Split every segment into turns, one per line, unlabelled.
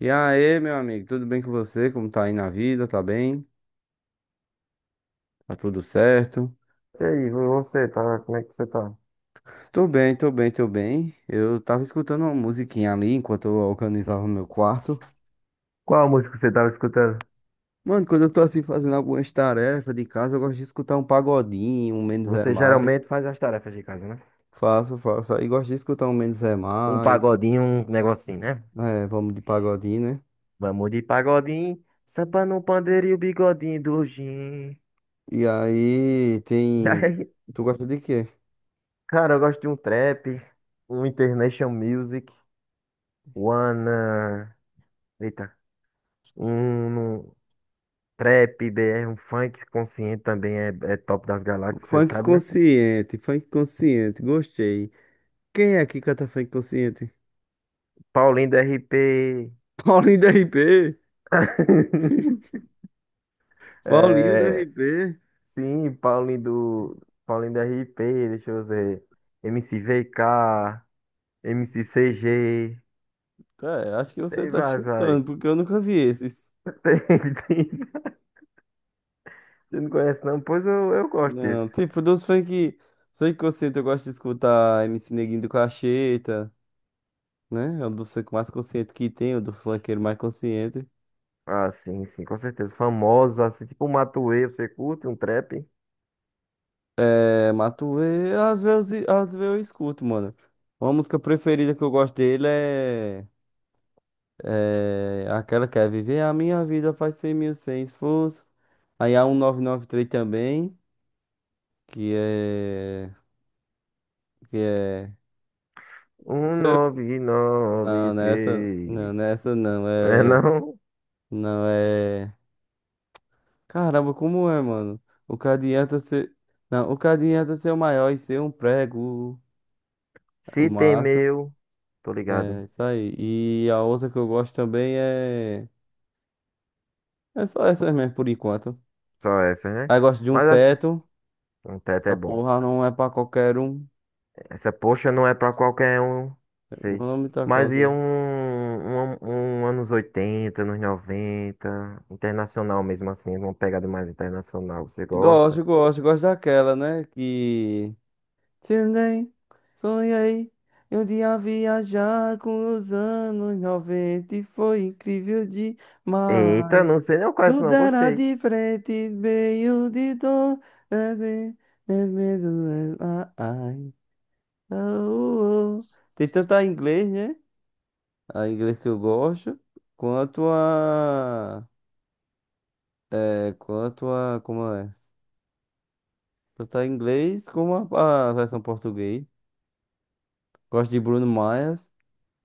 E aí, meu amigo, tudo bem com você? Como tá aí na vida? Tá bem? Tá tudo certo?
E aí, você tá? Como é que você tá?
Tô bem, tô bem, tô bem. Eu tava escutando uma musiquinha ali enquanto eu organizava meu quarto.
Qual música você estava escutando?
Mano, quando eu tô assim fazendo algumas tarefas de casa, eu gosto de escutar um pagodinho, um Menos é
Você
Mais.
geralmente faz as tarefas de casa, né?
Faço, faço. Aí gosto de escutar um Menos é
Um
Mais.
pagodinho, um negocinho, né?
É, vamos de pagodinho, né?
Vamos de pagodinho, sampa no pandeiro e o bigodinho do Jim.
E aí
E
tem.
aí,
Tu gosta de quê?
cara, eu gosto de um trap, um international music, one, eita, um trap, BR, um funk consciente também é top das galáxias, você sabe, né?
Funk consciente, gostei. Quem é que canta funk consciente?
Paulinho do RP.
Paulinho do RP. Paulinho do
É,
RP.
sim, Paulinho do. Paulinho do RP, deixa eu ver. MC VK, MC CG.
Cara, acho que você
Tem
tá
vários aí.
chutando, porque eu nunca vi esses.
Tem, tem. Você não conhece não? Pois eu gosto desse.
Não, tipo, funk consciente eu gosto de escutar MC Neguinho do Cacheta, né? É o do funk mais consciente que tem, o do funkeiro mais consciente.
Ah, sim, sim, com certeza. Famosos, assim, tipo o Matuê, você curte um trap?
É, Matuê, às vezes eu escuto, mano. Uma música preferida que eu gosto dele é aquela que é Viver a Minha Vida faz 100 mil sem esforço. Aí a 1993 também, que é. que é.
Um
Isso eu-
nove nove
Não, nessa.
três.
Não, nessa não.
É
É.
não?
Não é. Caramba, como é, mano? O que adianta ser. Não, o que adianta ser o maior e ser um prego. É
Se tem
Massa.
meu. Tô ligado.
É, isso aí. E a outra que eu gosto também é. É só essas mesmo, por enquanto.
Só essa, né?
Aí gosto de um
Mas assim,
teto.
um teto é
Essa
bom.
porra não é pra qualquer um.
Essa poxa não é pra qualquer um, sei.
Vamos tá
Mas
causa.
ia um anos 80 anos 90 internacional mesmo assim, uma pegada mais internacional, você gosta?
Gosto, gosto, gosto daquela, né? Que. Tendei, sonhei. Eu um dia viajar com os anos 90 e foi incrível
Eita,
demais.
não sei, não conheço,
Tudo
não,
era
gostei.
diferente, meio de dor. É, é, é, medo, é, ah, ai, ah. Tem tanto a inglês, né? A inglês que eu gosto, quanto a. É, quanto a. Como é? Tanto a inglês como a versão português. Gosto de Bruno Mars.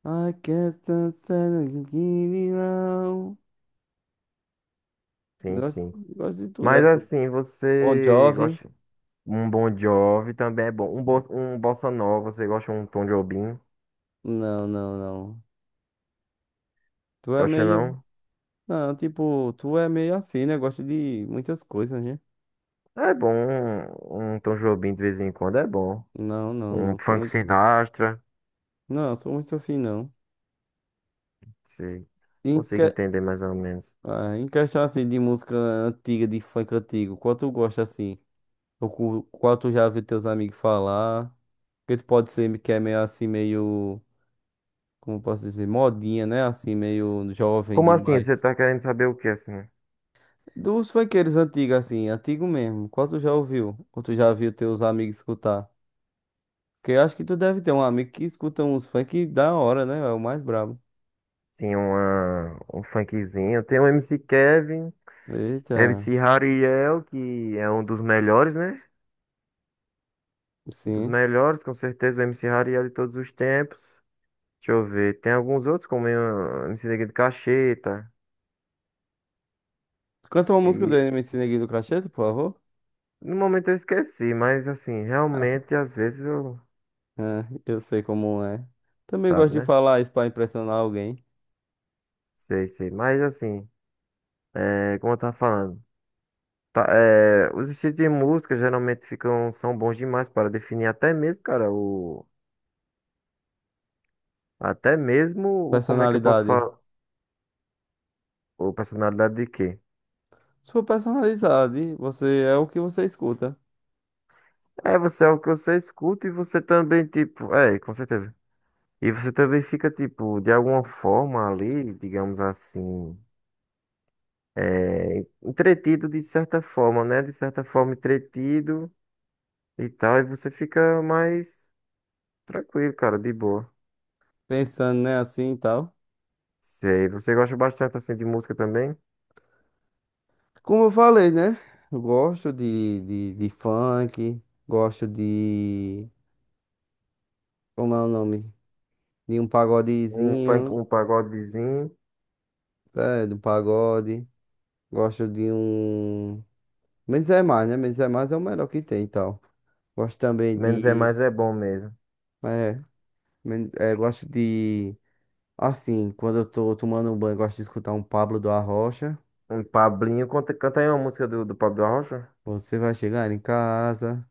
I can't stand it around.
Sim,
Gosto,
sim.
gosto de tudo,
Mas
assim.
assim,
Bon
você
Jovi?
gosta um Bon Jovi também é bom. Um, bo, um Bossa Nova, você gosta um Tom Jobim?
Não, não, não. Tu é
Gosta
meio.
não?
Não, tipo, tu é meio assim, né? Gosta de muitas coisas, né?
É bom, um Tom Jobim de vez em quando é bom.
Não, não,
Um
não. Sou
Frank
muito...
Sinatra,
Não, sou muito afim, não.
se
Em,
consigo
que...
entender mais ou menos.
Ah, em questão, assim, de música antiga, de funk antigo, qual tu gosta, assim? Ou qual tu já viu teus amigos falar? Que tu pode ser que é meio assim, meio. Como eu posso dizer? Modinha, né? Assim, meio jovem
Como assim? Você
demais.
tá querendo saber o que, assim?
Dos funkeiros antigos, assim, antigo mesmo. Qual tu já ouviu? Ou tu já viu teus amigos escutar? Porque eu acho que tu deve ter um amigo que escuta uns funk da hora, né? É o mais brabo.
Sim, uma, um funkzinho. Tem o MC Kevin,
Eita,
MC Hariel, que é um dos melhores, né? Um dos
sim.
melhores, com certeza, o MC Hariel de todos os tempos. Deixa eu ver. Tem alguns outros, como o MC Neguinho de Cacheta.
Canta uma música do
E
MC Neguinho do Cachete, por favor.
no momento eu esqueci, mas assim, realmente, às vezes eu.
É, eu sei como é. Também gosto
Sabe,
de
né?
falar isso pra impressionar alguém.
Sei, sei. Mas assim, é, como eu tava falando. Tá, é, os estilos de música geralmente ficam, são bons demais para definir até mesmo, cara, o, até mesmo o como é que eu posso
Personalidade.
falar, o personalidade de quê?
Sua personalidade, você é o que você escuta.
É, você é o que você escuta e você também, tipo, é, com certeza. E você também fica, tipo, de alguma forma ali, digamos assim, é, entretido de certa forma, né? De certa forma entretido e tal, e você fica mais tranquilo, cara, de boa.
Pensando, né, assim e tal.
Sei, você gosta bastante, assim, de música também?
Como eu falei, né? Eu gosto de funk, gosto de. Como é o nome? De um
Um funk,
pagodezinho,
um pagodezinho.
é, do pagode. Gosto de um. Menos é mais, né? Menos é mais é o melhor que tem e tal. Gosto também
Menos é
de.
mais é bom mesmo.
É, gosto de. Assim, quando eu tô tomando um banho, gosto de escutar um Pablo do Arrocha.
Um Pablinho. Canta, canta aí uma música do Pablo Rocha.
Você vai chegar em casa,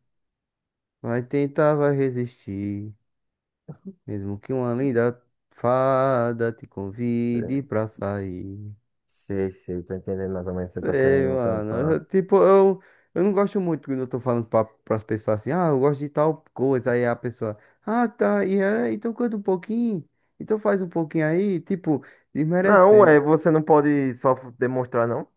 vai tentar, vai resistir. Mesmo que uma linda fada te
É,
convide pra sair.
sei, sei, tô entendendo mais ou menos o que você tá
Sei,
querendo
mano.
cantar.
Tipo, eu não gosto muito quando eu tô falando pras pessoas assim, ah, eu gosto de tal coisa. Aí a pessoa, ah, tá, e é, então canta um pouquinho. Então faz um pouquinho aí, tipo,
Não,
desmerecendo.
ué, você não pode só f- demonstrar, não?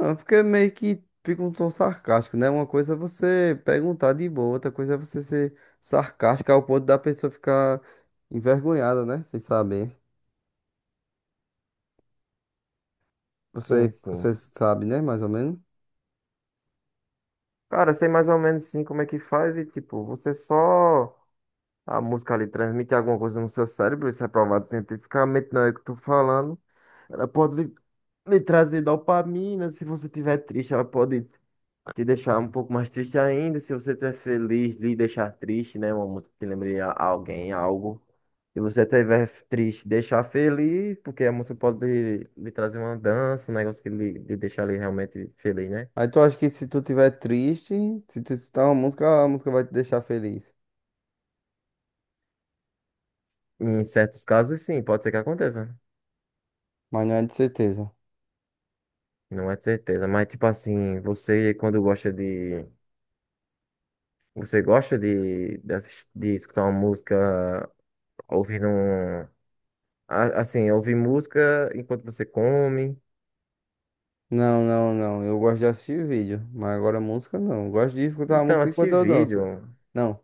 Ah, porque meio que fica um tom sarcástico, né? Uma coisa é você perguntar de boa, outra coisa é você ser sarcástica ao ponto da pessoa ficar envergonhada, né? Sem saber.
Sim,
Você
sim.
sabe, né? Mais ou menos.
Cara, sei mais ou menos sim como é que faz e, tipo, você só. A música ali transmite alguma coisa no seu cérebro, isso é provado cientificamente, não é o que eu tô falando. Ela pode lhe trazer dopamina, se você tiver triste, ela pode te deixar um pouco mais triste ainda. Se você estiver feliz, lhe deixar triste, né? Uma música que lembre a- alguém, algo. Se você estiver triste, deixar feliz, porque a música pode lhe trazer uma dança, um negócio que lhe deixar ali realmente feliz, né?
Aí tu acha que se tu tiver triste, se tu escutar uma música, a música vai te deixar feliz.
Em certos casos, sim, pode ser que aconteça.
Mas não é de certeza.
Não é de certeza, mas tipo assim, você quando gosta de. Você gosta assis- de escutar uma música ouvindo um. A- Assim, ouvir música enquanto você come.
Não, não, não. Eu gosto de assistir vídeo, mas agora música não. Eu gosto de escutar a
Então,
música enquanto
assistir
eu danço.
vídeo.
Não.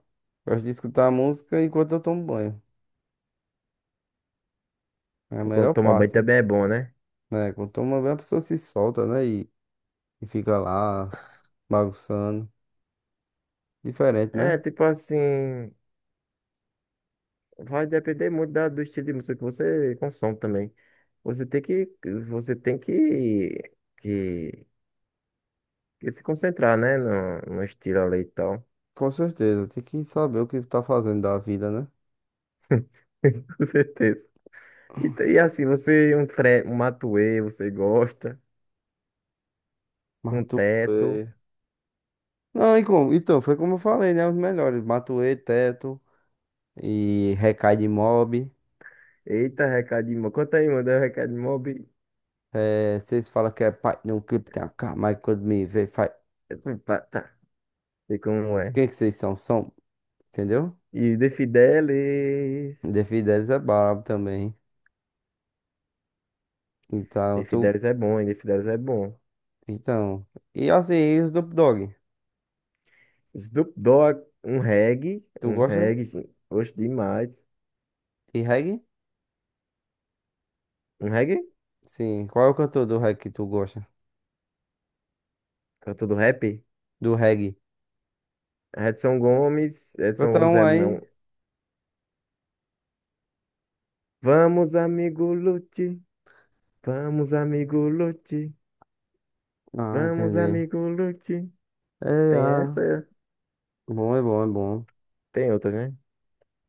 Gosto de escutar a música enquanto eu tomo banho. É a
Enquanto
melhor
toma banho
parte,
também é bom, né?
né? Quando toma banho, a pessoa se solta, né? E fica lá bagunçando. Diferente, né?
É, tipo assim, vai depender muito da- do estilo de música que você consome também. Você tem você tem que, que, que se concentrar, né? no estilo ali e tal.
Com certeza. Tem que saber o que tá fazendo da vida, né?
Com certeza. E, t- e assim, você, um, tre, um matuê, você gosta,
Mas
um
tu,
teto.
é, Não, então, foi como eu falei, né? Os melhores. Matuê, Teto e Recai de Mob.
Eita, recado de mob. Conta aí, manda um recado de mob.
É, vocês falam que é pai de um clipe, tem a cara, quando me vê, faz.
Tá, tá. Sei como é.
Quem que vocês são? São, entendeu?
E De Fidelis.
The Fidelis é brabo também. Então,
De
tu.
Fidelis é bom, hein? De Fidelis é bom.
Então. E assim, e o Snoop Dogg?
Snoop Dogg, um reggae,
Tu gosta
gen- oxe, demais.
de reggae?
Um reggae?
Sim. Qual é o cantor do reggae que tu gosta?
Cantor do rap?
Do reggae.
Edson Gomes, Edson
Canta
Gomes
um
é
aí.
meu. Vamos, amigo Lute, vamos, amigo Lute,
Ah,
vamos,
entendi.
amigo Lute.
É,
Tem
ah.
essa,
Bom, é bom, é bom.
tem outras, né?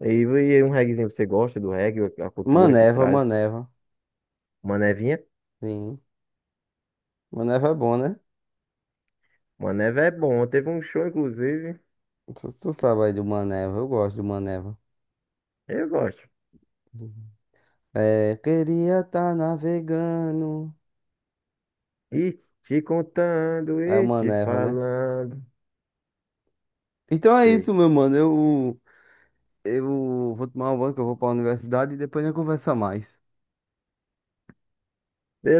E um reggaezinho, você gosta do reggae, a cultura que
Maneva,
traz?
Maneva.
Manevinha?
Sim. Maneva é bom, né?
Maneva é bom, teve um show, inclusive,
Tu sabe aí de uma Maneva, eu gosto do Maneva.
eu gosto.
É, queria tá navegando.
E te contando
É
e
uma
te
Maneva, né?
falando.
Então é
Sei.
isso, meu mano. Eu vou tomar um banho que eu vou pra universidade e depois a gente conversa mais.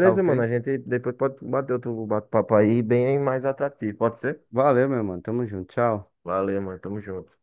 Tá ok?
mano. A gente depois pode bater outro bate-papo aí bem mais atrativo. Pode ser?
Valeu, meu mano. Tamo junto. Tchau.
Valeu, mano. Tamo junto.